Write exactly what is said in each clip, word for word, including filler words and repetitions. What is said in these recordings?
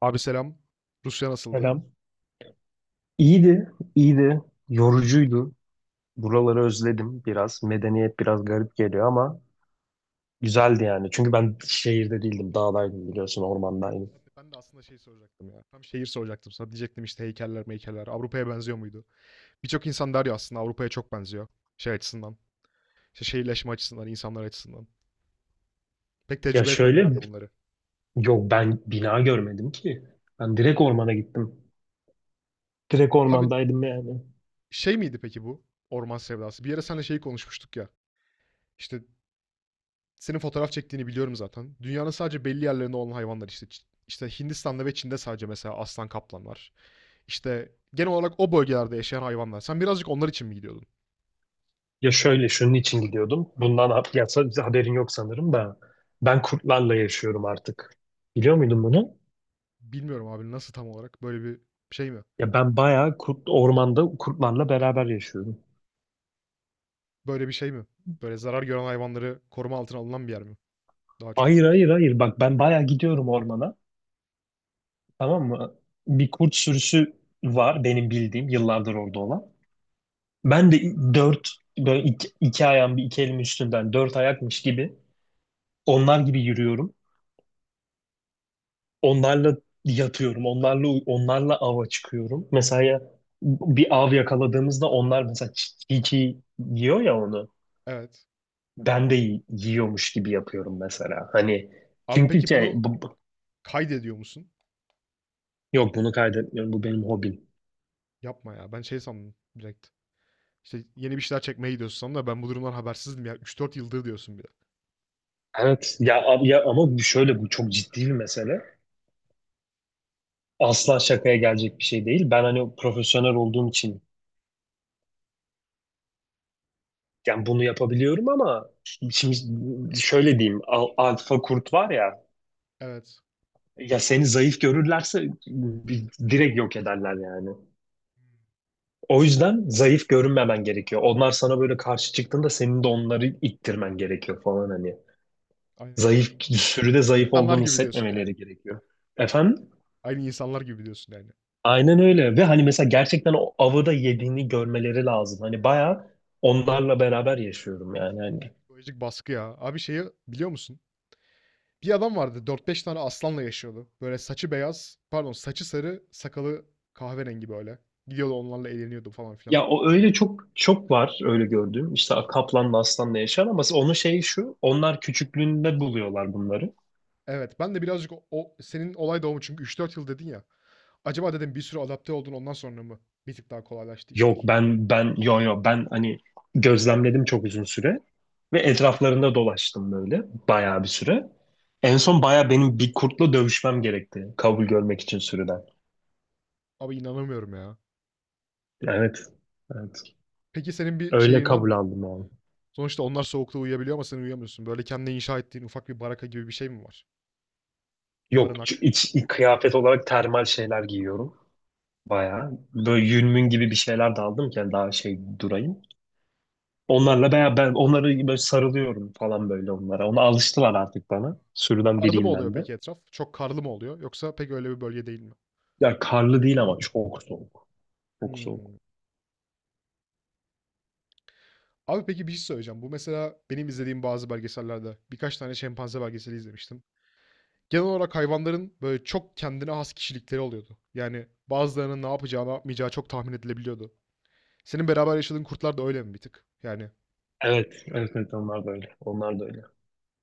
Abi selam. Rusya nasıldı? Selam. İyiydi, iyiydi. Yorucuydu. Buraları özledim biraz. Medeniyet biraz garip geliyor ama güzeldi yani. Çünkü ben şehirde değildim, dağdaydım biliyorsun, ormandaydım. Ben de, ben de aslında şey soracaktım ya. Tam şehir soracaktım sana. Diyecektim işte heykeller meykeller. Avrupa'ya benziyor muydu? Birçok insan der ya aslında Avrupa'ya çok benziyor. Şey açısından. İşte şehirleşme açısından, insanlar açısından. Pek Ya tecrübe etmedin herhalde şöyle, bunları. yok ben bina görmedim ki. Ben direkt ormana gittim. Direkt Abi ormandaydım yani. şey miydi peki bu? Orman sevdası. Bir yere seninle şeyi konuşmuştuk ya. İşte. Senin fotoğraf çektiğini biliyorum zaten. Dünyanın sadece belli yerlerinde olan hayvanlar işte. İşte. Hindistan'da ve Çin'de sadece mesela aslan kaplan var. İşte genel olarak o bölgelerde yaşayan hayvanlar. Sen birazcık onlar için mi gidiyordun? Ya şöyle, şunun için gidiyordum. Bundan ha- ya, sa- haberin yok sanırım da. Ben kurtlarla yaşıyorum artık. Biliyor muydun bunu? Bilmiyorum abi nasıl tam olarak böyle bir şey mi? Ya ben bayağı kurt, ormanda kurtlarla beraber yaşıyorum. Böyle bir şey mi? Böyle zarar gören hayvanları koruma altına alınan bir yer mi? Daha çok. Hayır, hayır, hayır, bak ben bayağı gidiyorum ormana, tamam mı? Bir kurt sürüsü var benim bildiğim, yıllardır orada olan. Ben de dört böyle iki, iki ayağım bir iki elim üstünden dört ayakmış gibi onlar gibi yürüyorum. Onlarla yatıyorum, onlarla onlarla ava çıkıyorum. Mesela ya- bir av yakaladığımızda onlar mesela çi- çiğ yiyor ya onu. Evet. Ben de y- yiyormuş gibi yapıyorum mesela. Hani Abi çünkü peki şey bunu bu- bu- kaydediyor musun? yok, bunu kaydetmiyorum, bu benim hobim. Yapma ya. Ben şey sandım direkt. İşte yeni bir şeyler çekmeye gidiyorsun sandım da ben bu durumdan habersizdim ya. Üç dört yıldır diyorsun bir de. Evet ya, ab- ya ama bu şöyle bu çok ciddi bir mesele. Asla şakaya gelecek bir şey değil. Ben hani profesyonel olduğum için yani bunu yapabiliyorum ama şimdi şöyle diyeyim, al- alfa kurt var ya, Evet. ya seni zayıf görürlerse bi- direkt yok ederler yani. O yüzden zayıf görünmemen gerekiyor. Onlar sana böyle karşı çıktığında senin de onları ittirmen gerekiyor falan hani. Aynen. Zayıf sürüde zayıf İnsanlar olduğunu gibi diyorsun hissetmemeleri yani. gerekiyor. Efendim? Aynı insanlar gibi diyorsun yani. Aynen öyle, ve hani mesela gerçekten o avı da yediğini görmeleri lazım. Hani bayağı onlarla beraber yaşıyorum yani hani. Psikolojik baskı ya. Abi şeyi biliyor musun? Bir adam vardı dört beş tane aslanla yaşıyordu. Böyle saçı beyaz, pardon saçı sarı, sakalı kahverengi böyle. Gidiyordu onlarla eğleniyordu falan filan. Ya o öyle çok çok var, öyle gördüğüm. İşte kaplanla aslanla yaşar ama onun şeyi şu: onlar küçüklüğünde buluyorlar bunları. Evet ben de birazcık o, o- senin olay doğumu çünkü üç dört yıl dedin ya. Acaba dedim bir sürü adapte oldun ondan sonra mı bir tık daha kolaylaştı Yok, işler? ben ben yo yo ben hani gözlemledim çok uzun süre ve etraflarında dolaştım böyle, bayağı bir süre. En son bayağı benim bir kurtla dövüşmem gerekti kabul görmek için sürüden. Abi inanamıyorum ya. Evet. Evet. Peki senin bir Öyle şeyin var kabul mı? aldım yani. Sonuçta onlar soğukta uyuyabiliyor ama sen uyuyamıyorsun. Böyle kendine inşa ettiğin ufak bir baraka gibi bir şey mi var? Yok, ç- Barınak. iç, iç kıyafet olarak termal şeyler giyiyorum. Bayağı. Böyle yünmün gibi bir şeyler de aldım ki yani daha şey durayım. Onlarla bayağı, ben onları böyle sarılıyorum falan, böyle onlara. Ona alıştılar artık, bana. Sürüden Karlı mı biriyim oluyor ben de. peki etraf? Çok karlı mı oluyor? Yoksa pek öyle bir bölge değil mi? Ya karlı değil ama çok soğuk. Çok soğuk. Hmm. Abi peki bir şey söyleyeceğim. Bu mesela benim izlediğim bazı belgesellerde birkaç tane şempanze belgeseli izlemiştim. Genel olarak hayvanların böyle çok kendine has kişilikleri oluyordu. Yani bazılarının ne yapacağı, ne yapmayacağı çok tahmin edilebiliyordu. Senin beraber yaşadığın kurtlar da öyle mi bir tık? Yani Evet, evet, evet, onlar da öyle. Onlar da öyle.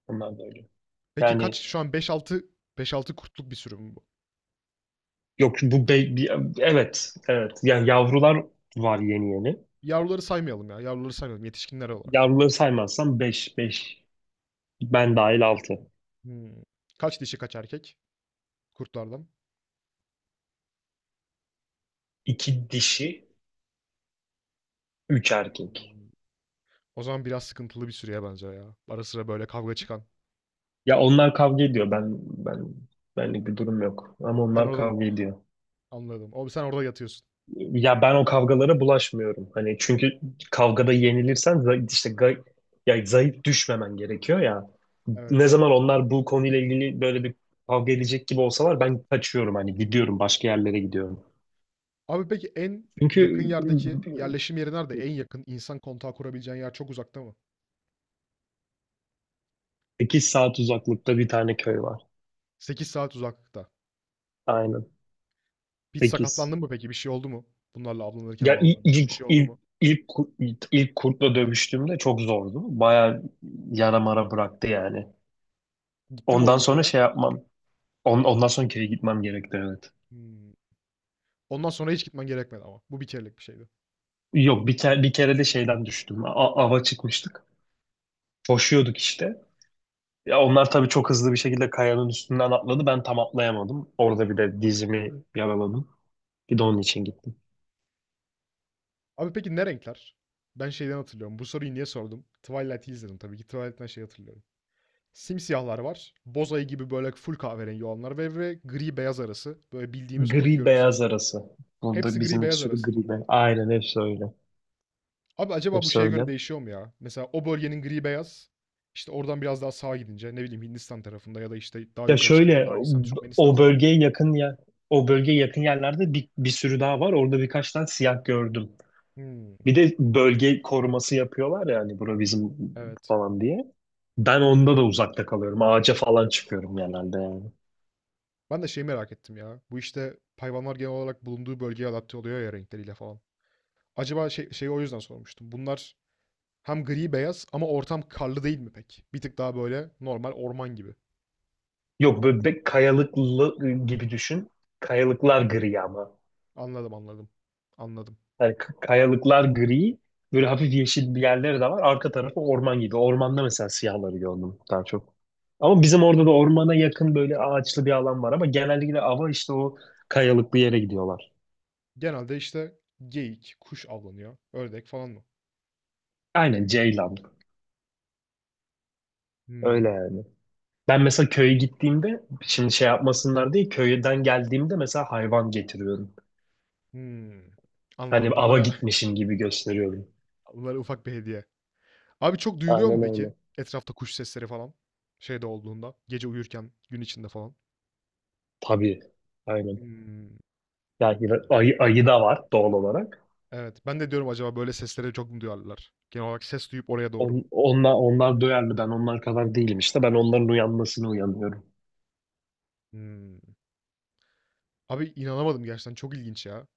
Onlar da öyle. peki Yani kaç şu an beş altı beş altı kurtluk bir sürü mü bu? yok bu be, bir- evet, evet. Yani yavrular var yeni yeni. Yavruları saymayalım ya. Yavruları saymayalım yetişkinler olarak. Yavruları saymazsam beş beş ben dahil altı. Hmm. Kaç dişi kaç erkek kurtlardan? İki dişi. Üç erkek. O zaman biraz sıkıntılı bir süreye bence ya. Ara sıra böyle kavga çıkan. Ya onlar kavga ediyor. Ben ben benlik bir durum yok. Ama Ben onlar orada kavga ediyor. anladım. Abi sen orada yatıyorsun. Ya ben o kavgalara bulaşmıyorum. Hani çünkü kavgada yenilirsen za- işte ga- ya zayıf düşmemen gerekiyor ya. Ne Evet. zaman onlar bu konuyla ilgili böyle bir kavga edecek gibi olsalar ben kaçıyorum, hani gidiyorum, başka yerlere gidiyorum. Abi peki en yakın Çünkü yerdeki yerleşim yeri nerede? En yakın insan kontağı kurabileceğin yer çok uzakta mı? sekiz saat uzaklıkta bir tane köy var. Sekiz saat uzaklıkta. Aynen. Hiç sekiz. sakatlandın mı peki? Bir şey oldu mu? Bunlarla avlanırken, Ya il- avlanırken bir ilk şey oldu ilk mu? ilk ku- ilk, ilk kurtla dövüştüğümde çok zordu. Baya yara mara bıraktı yani. Gitti mi o Ondan gün sonra köye? şey yapmam. On, ondan sonra kere gitmem gerekti, evet. Hmm. Ondan sonra hiç gitmen gerekmedi ama. Bu bir kerelik bir şeydi. Yok, bir kere bir kere de şeyden düştüm. A- ava çıkmıştık. Koşuyorduk işte. Ya onlar tabii çok hızlı bir şekilde kayanın üstünden atladı. Ben tam atlayamadım. Orada bir de dizimi yaraladım. Bir de onun için gittim. Abi peki ne renkler? Ben şeyden hatırlıyorum. Bu soruyu niye sordum? Twilight'i izledim tabii ki. Twilight'ten şey hatırlıyorum. Simsiyahlar var. Bozayı gibi böyle full kahverengi olanlar ve, ve gri beyaz arası. Böyle bildiğimiz kurt Gri görüntüsüne beyaz sahip. arası. Burada Hepsi gri bizim bir beyaz sürü arası mı? gri beyaz. Aynen, hepsi öyle. Abi acaba bu Hepsi şeye göre öyle. değişiyor mu ya? Mesela o bölgenin gri beyaz. İşte oradan biraz daha sağa gidince ne bileyim Hindistan tarafında ya da işte daha Ya yukarı çıkıyor şöyle, Pakistan, Türkmenistan o falan. bölgeye yakın yer o bölgeye yakın yerlerde bir, bir sürü daha var. Orada birkaç tane siyah gördüm. Hmm, Bir de bölge koruması yapıyorlar ya, hani bura bizim evet. falan diye. Ben onda da uzakta kalıyorum. Ağaca falan çıkıyorum genelde yani. Ben de şeyi merak ettim ya. Bu işte hayvanlar genel olarak bulunduğu bölgeye adapte oluyor ya renkleriyle falan. Acaba şey, şeyi o yüzden sormuştum. Bunlar hem gri beyaz ama ortam karlı değil mi pek? Bir tık daha böyle normal orman gibi. Yok, böyle be- kayalıklı gibi düşün. Kayalıklar gri ama. Anladım anladım. Anladım. Yani k- kayalıklar gri, böyle hafif yeşil bir yerleri de var. Arka tarafı orman gibi. Ormanda mesela siyahları gördüm daha çok. Ama bizim orada da ormana yakın böyle ağaçlı bir alan var, ama genellikle ava işte o kayalıklı yere gidiyorlar. Genelde işte geyik, kuş avlanıyor. Ördek falan mı? Aynen, ceylan. Öyle Hımm. yani. Ben mesela köye gittiğimde, şimdi şey yapmasınlar diye, köyden geldiğimde mesela hayvan getiriyorum. Hımm. Hani Anladım. ava Bunlara gitmişim gibi gösteriyorum. bunlara ufak bir hediye. Abi çok duyuluyor mu Aynen peki öyle. etrafta kuş sesleri falan? Şeyde olduğunda, gece uyurken, gün içinde falan. Tabii. Aynen. Hımm. Yani ayı, ayı da var doğal olarak. Evet. Ben de diyorum acaba böyle seslere çok mu duyarlar? Genel olarak ses duyup oraya doğru mu? On- onlar, onlar duyarlı, ben onlar kadar değilim, işte ben onların uyanmasını uyanıyorum. Hımm. Abi inanamadım gerçekten çok ilginç ya.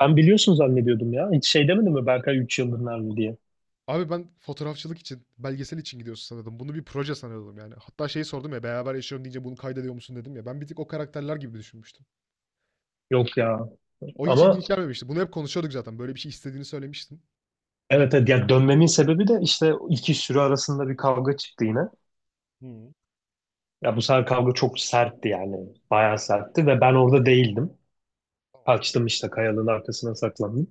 Ben biliyorsun zannediyordum ya, hiç şey demedim mi, Berkay üç yıldır nerede diye. Abi ben fotoğrafçılık için, belgesel için gidiyorsun sanıyordum. Bunu bir proje sanıyordum yani. Hatta şeyi sordum ya beraber yaşıyorum deyince bunu kaydediyor musun dedim ya. Ben bir tık o karakterler gibi düşünmüştüm. Yok ya, O hiç ama ilginç gelmemişti. Bunu hep konuşuyorduk zaten. Böyle bir şey istediğini söylemiştin. evet, evet, ya dönmemin sebebi de işte iki sürü arasında bir kavga çıktı yine. Hı. Ya bu sefer kavga çok sertti yani, bayağı sertti, ve ben orada değildim. Kaçtım, işte kayalığın arkasına saklandım.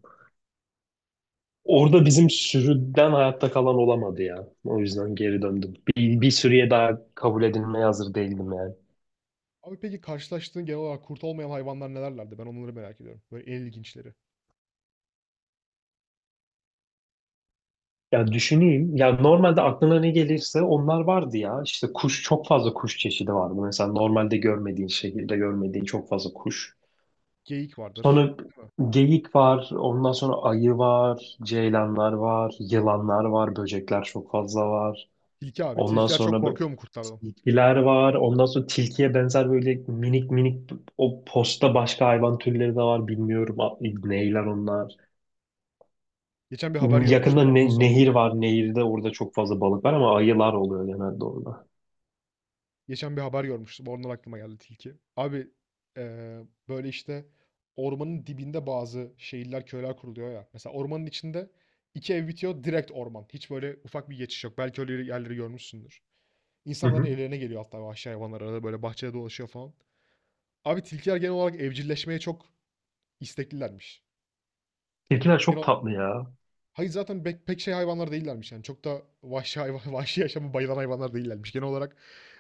Orada bizim sürüden hayatta kalan olamadı ya. O yüzden geri döndüm. Bir, bir sürüye daha kabul edilmeye hazır değildim yani. Abi peki karşılaştığın genel olarak kurt olmayan hayvanlar nelerlerdi? Ben onları merak ediyorum. Böyle en ilginçleri. Ya düşüneyim. Ya normalde aklına ne gelirse onlar vardı ya. İşte kuş çok fazla kuş çeşidi vardı. Mesela normalde görmediğin, şehirde görmediğin çok fazla kuş. Geyik vardır. Sonra geyik var. Ondan sonra ayı var. Ceylanlar var. Yılanlar var. Böcekler çok fazla var. Tilki abi. Ondan Tilkiler çok sonra böyle korkuyor mu kurtlardan? tilkiler var. Ondan sonra tilkiye benzer böyle minik minik, o posta başka hayvan türleri de var. Bilmiyorum a- neyler onlar. Geçen bir haber görmüştüm. Yakında Ondan ne- sordum. nehir var. Nehirde, orada çok fazla balık var ama ayılar oluyor genelde orada. Geçen bir haber görmüştüm. Oradan aklıma geldi tilki. Abi eee, böyle işte ormanın dibinde bazı şehirler, köyler kuruluyor ya. Mesela ormanın içinde iki ev bitiyor direkt orman. Hiç böyle ufak bir geçiş yok. Belki öyle yerleri görmüşsündür. Hı İnsanların hı. evlerine geliyor hatta vahşi hayvanlar arada böyle bahçede dolaşıyor falan. Abi tilkiler genel olarak evcilleşmeye çok isteklilermiş. Tilkiler Genel çok olarak- tatlı ya. hayır zaten pek, pek şey hayvanlar değillermiş yani. Çok da vahşi hayvan, vahşi yaşamı bayılan hayvanlar değillermiş. Genel olarak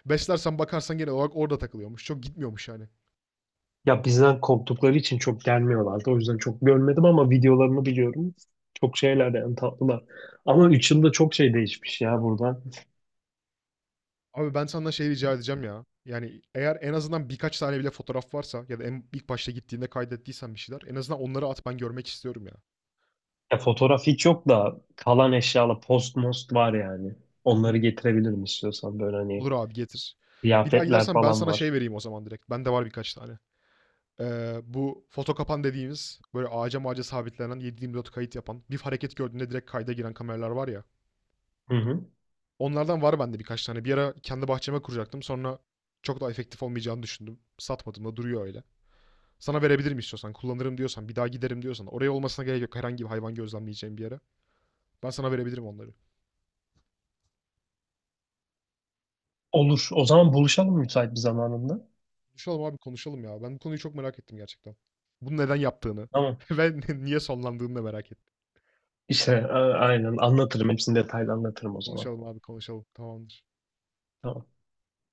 beslersen bakarsan genel olarak orada takılıyormuş. Çok gitmiyormuş yani. Ya bizden korktukları için çok gelmiyorlardı. O yüzden çok görmedim ama videolarını biliyorum. Çok şeyler de, yani tatlılar. Ama üç yılda çok şey değişmiş ya buradan. Abi ben senden şey rica edeceğim ya. Yani eğer en azından birkaç tane bile fotoğraf varsa ya da en ilk başta gittiğinde kaydettiysen bir şeyler en azından onları at ben görmek istiyorum ya. Ya fotoğraf hiç yok da, kalan eşyalar post most var yani. Hmm, Onları getirebilirim istiyorsan, böyle hani olur abi getir. Bir daha kıyafetler gidersen ben falan sana var. şey vereyim o zaman direkt. Bende var birkaç tane. Ee, bu foto kapan dediğimiz böyle ağaca mağaca sabitlenen yedi yirmi dört kayıt yapan bir hareket gördüğünde direkt kayda giren kameralar var ya. Hı hı. Onlardan var bende birkaç tane. Bir ara kendi bahçeme kuracaktım. Sonra çok da efektif olmayacağını düşündüm. Satmadım da duruyor öyle. Sana verebilirim istiyorsan. Kullanırım diyorsan. Bir daha giderim diyorsan. Oraya olmasına gerek yok. Herhangi bir hayvan gözlemleyeceğim bir yere. Ben sana verebilirim onları. Olur. O zaman buluşalım müsait bir zamanında. Konuşalım abi konuşalım ya. Ben bu konuyu çok merak ettim gerçekten. Bunu neden yaptığını Tamam. ve niye sonlandığını da merak ettim. İşte a- aynen anlatırım. Hepsini detaylı anlatırım o zaman. Konuşalım abi konuşalım. Tamamdır. Tamam.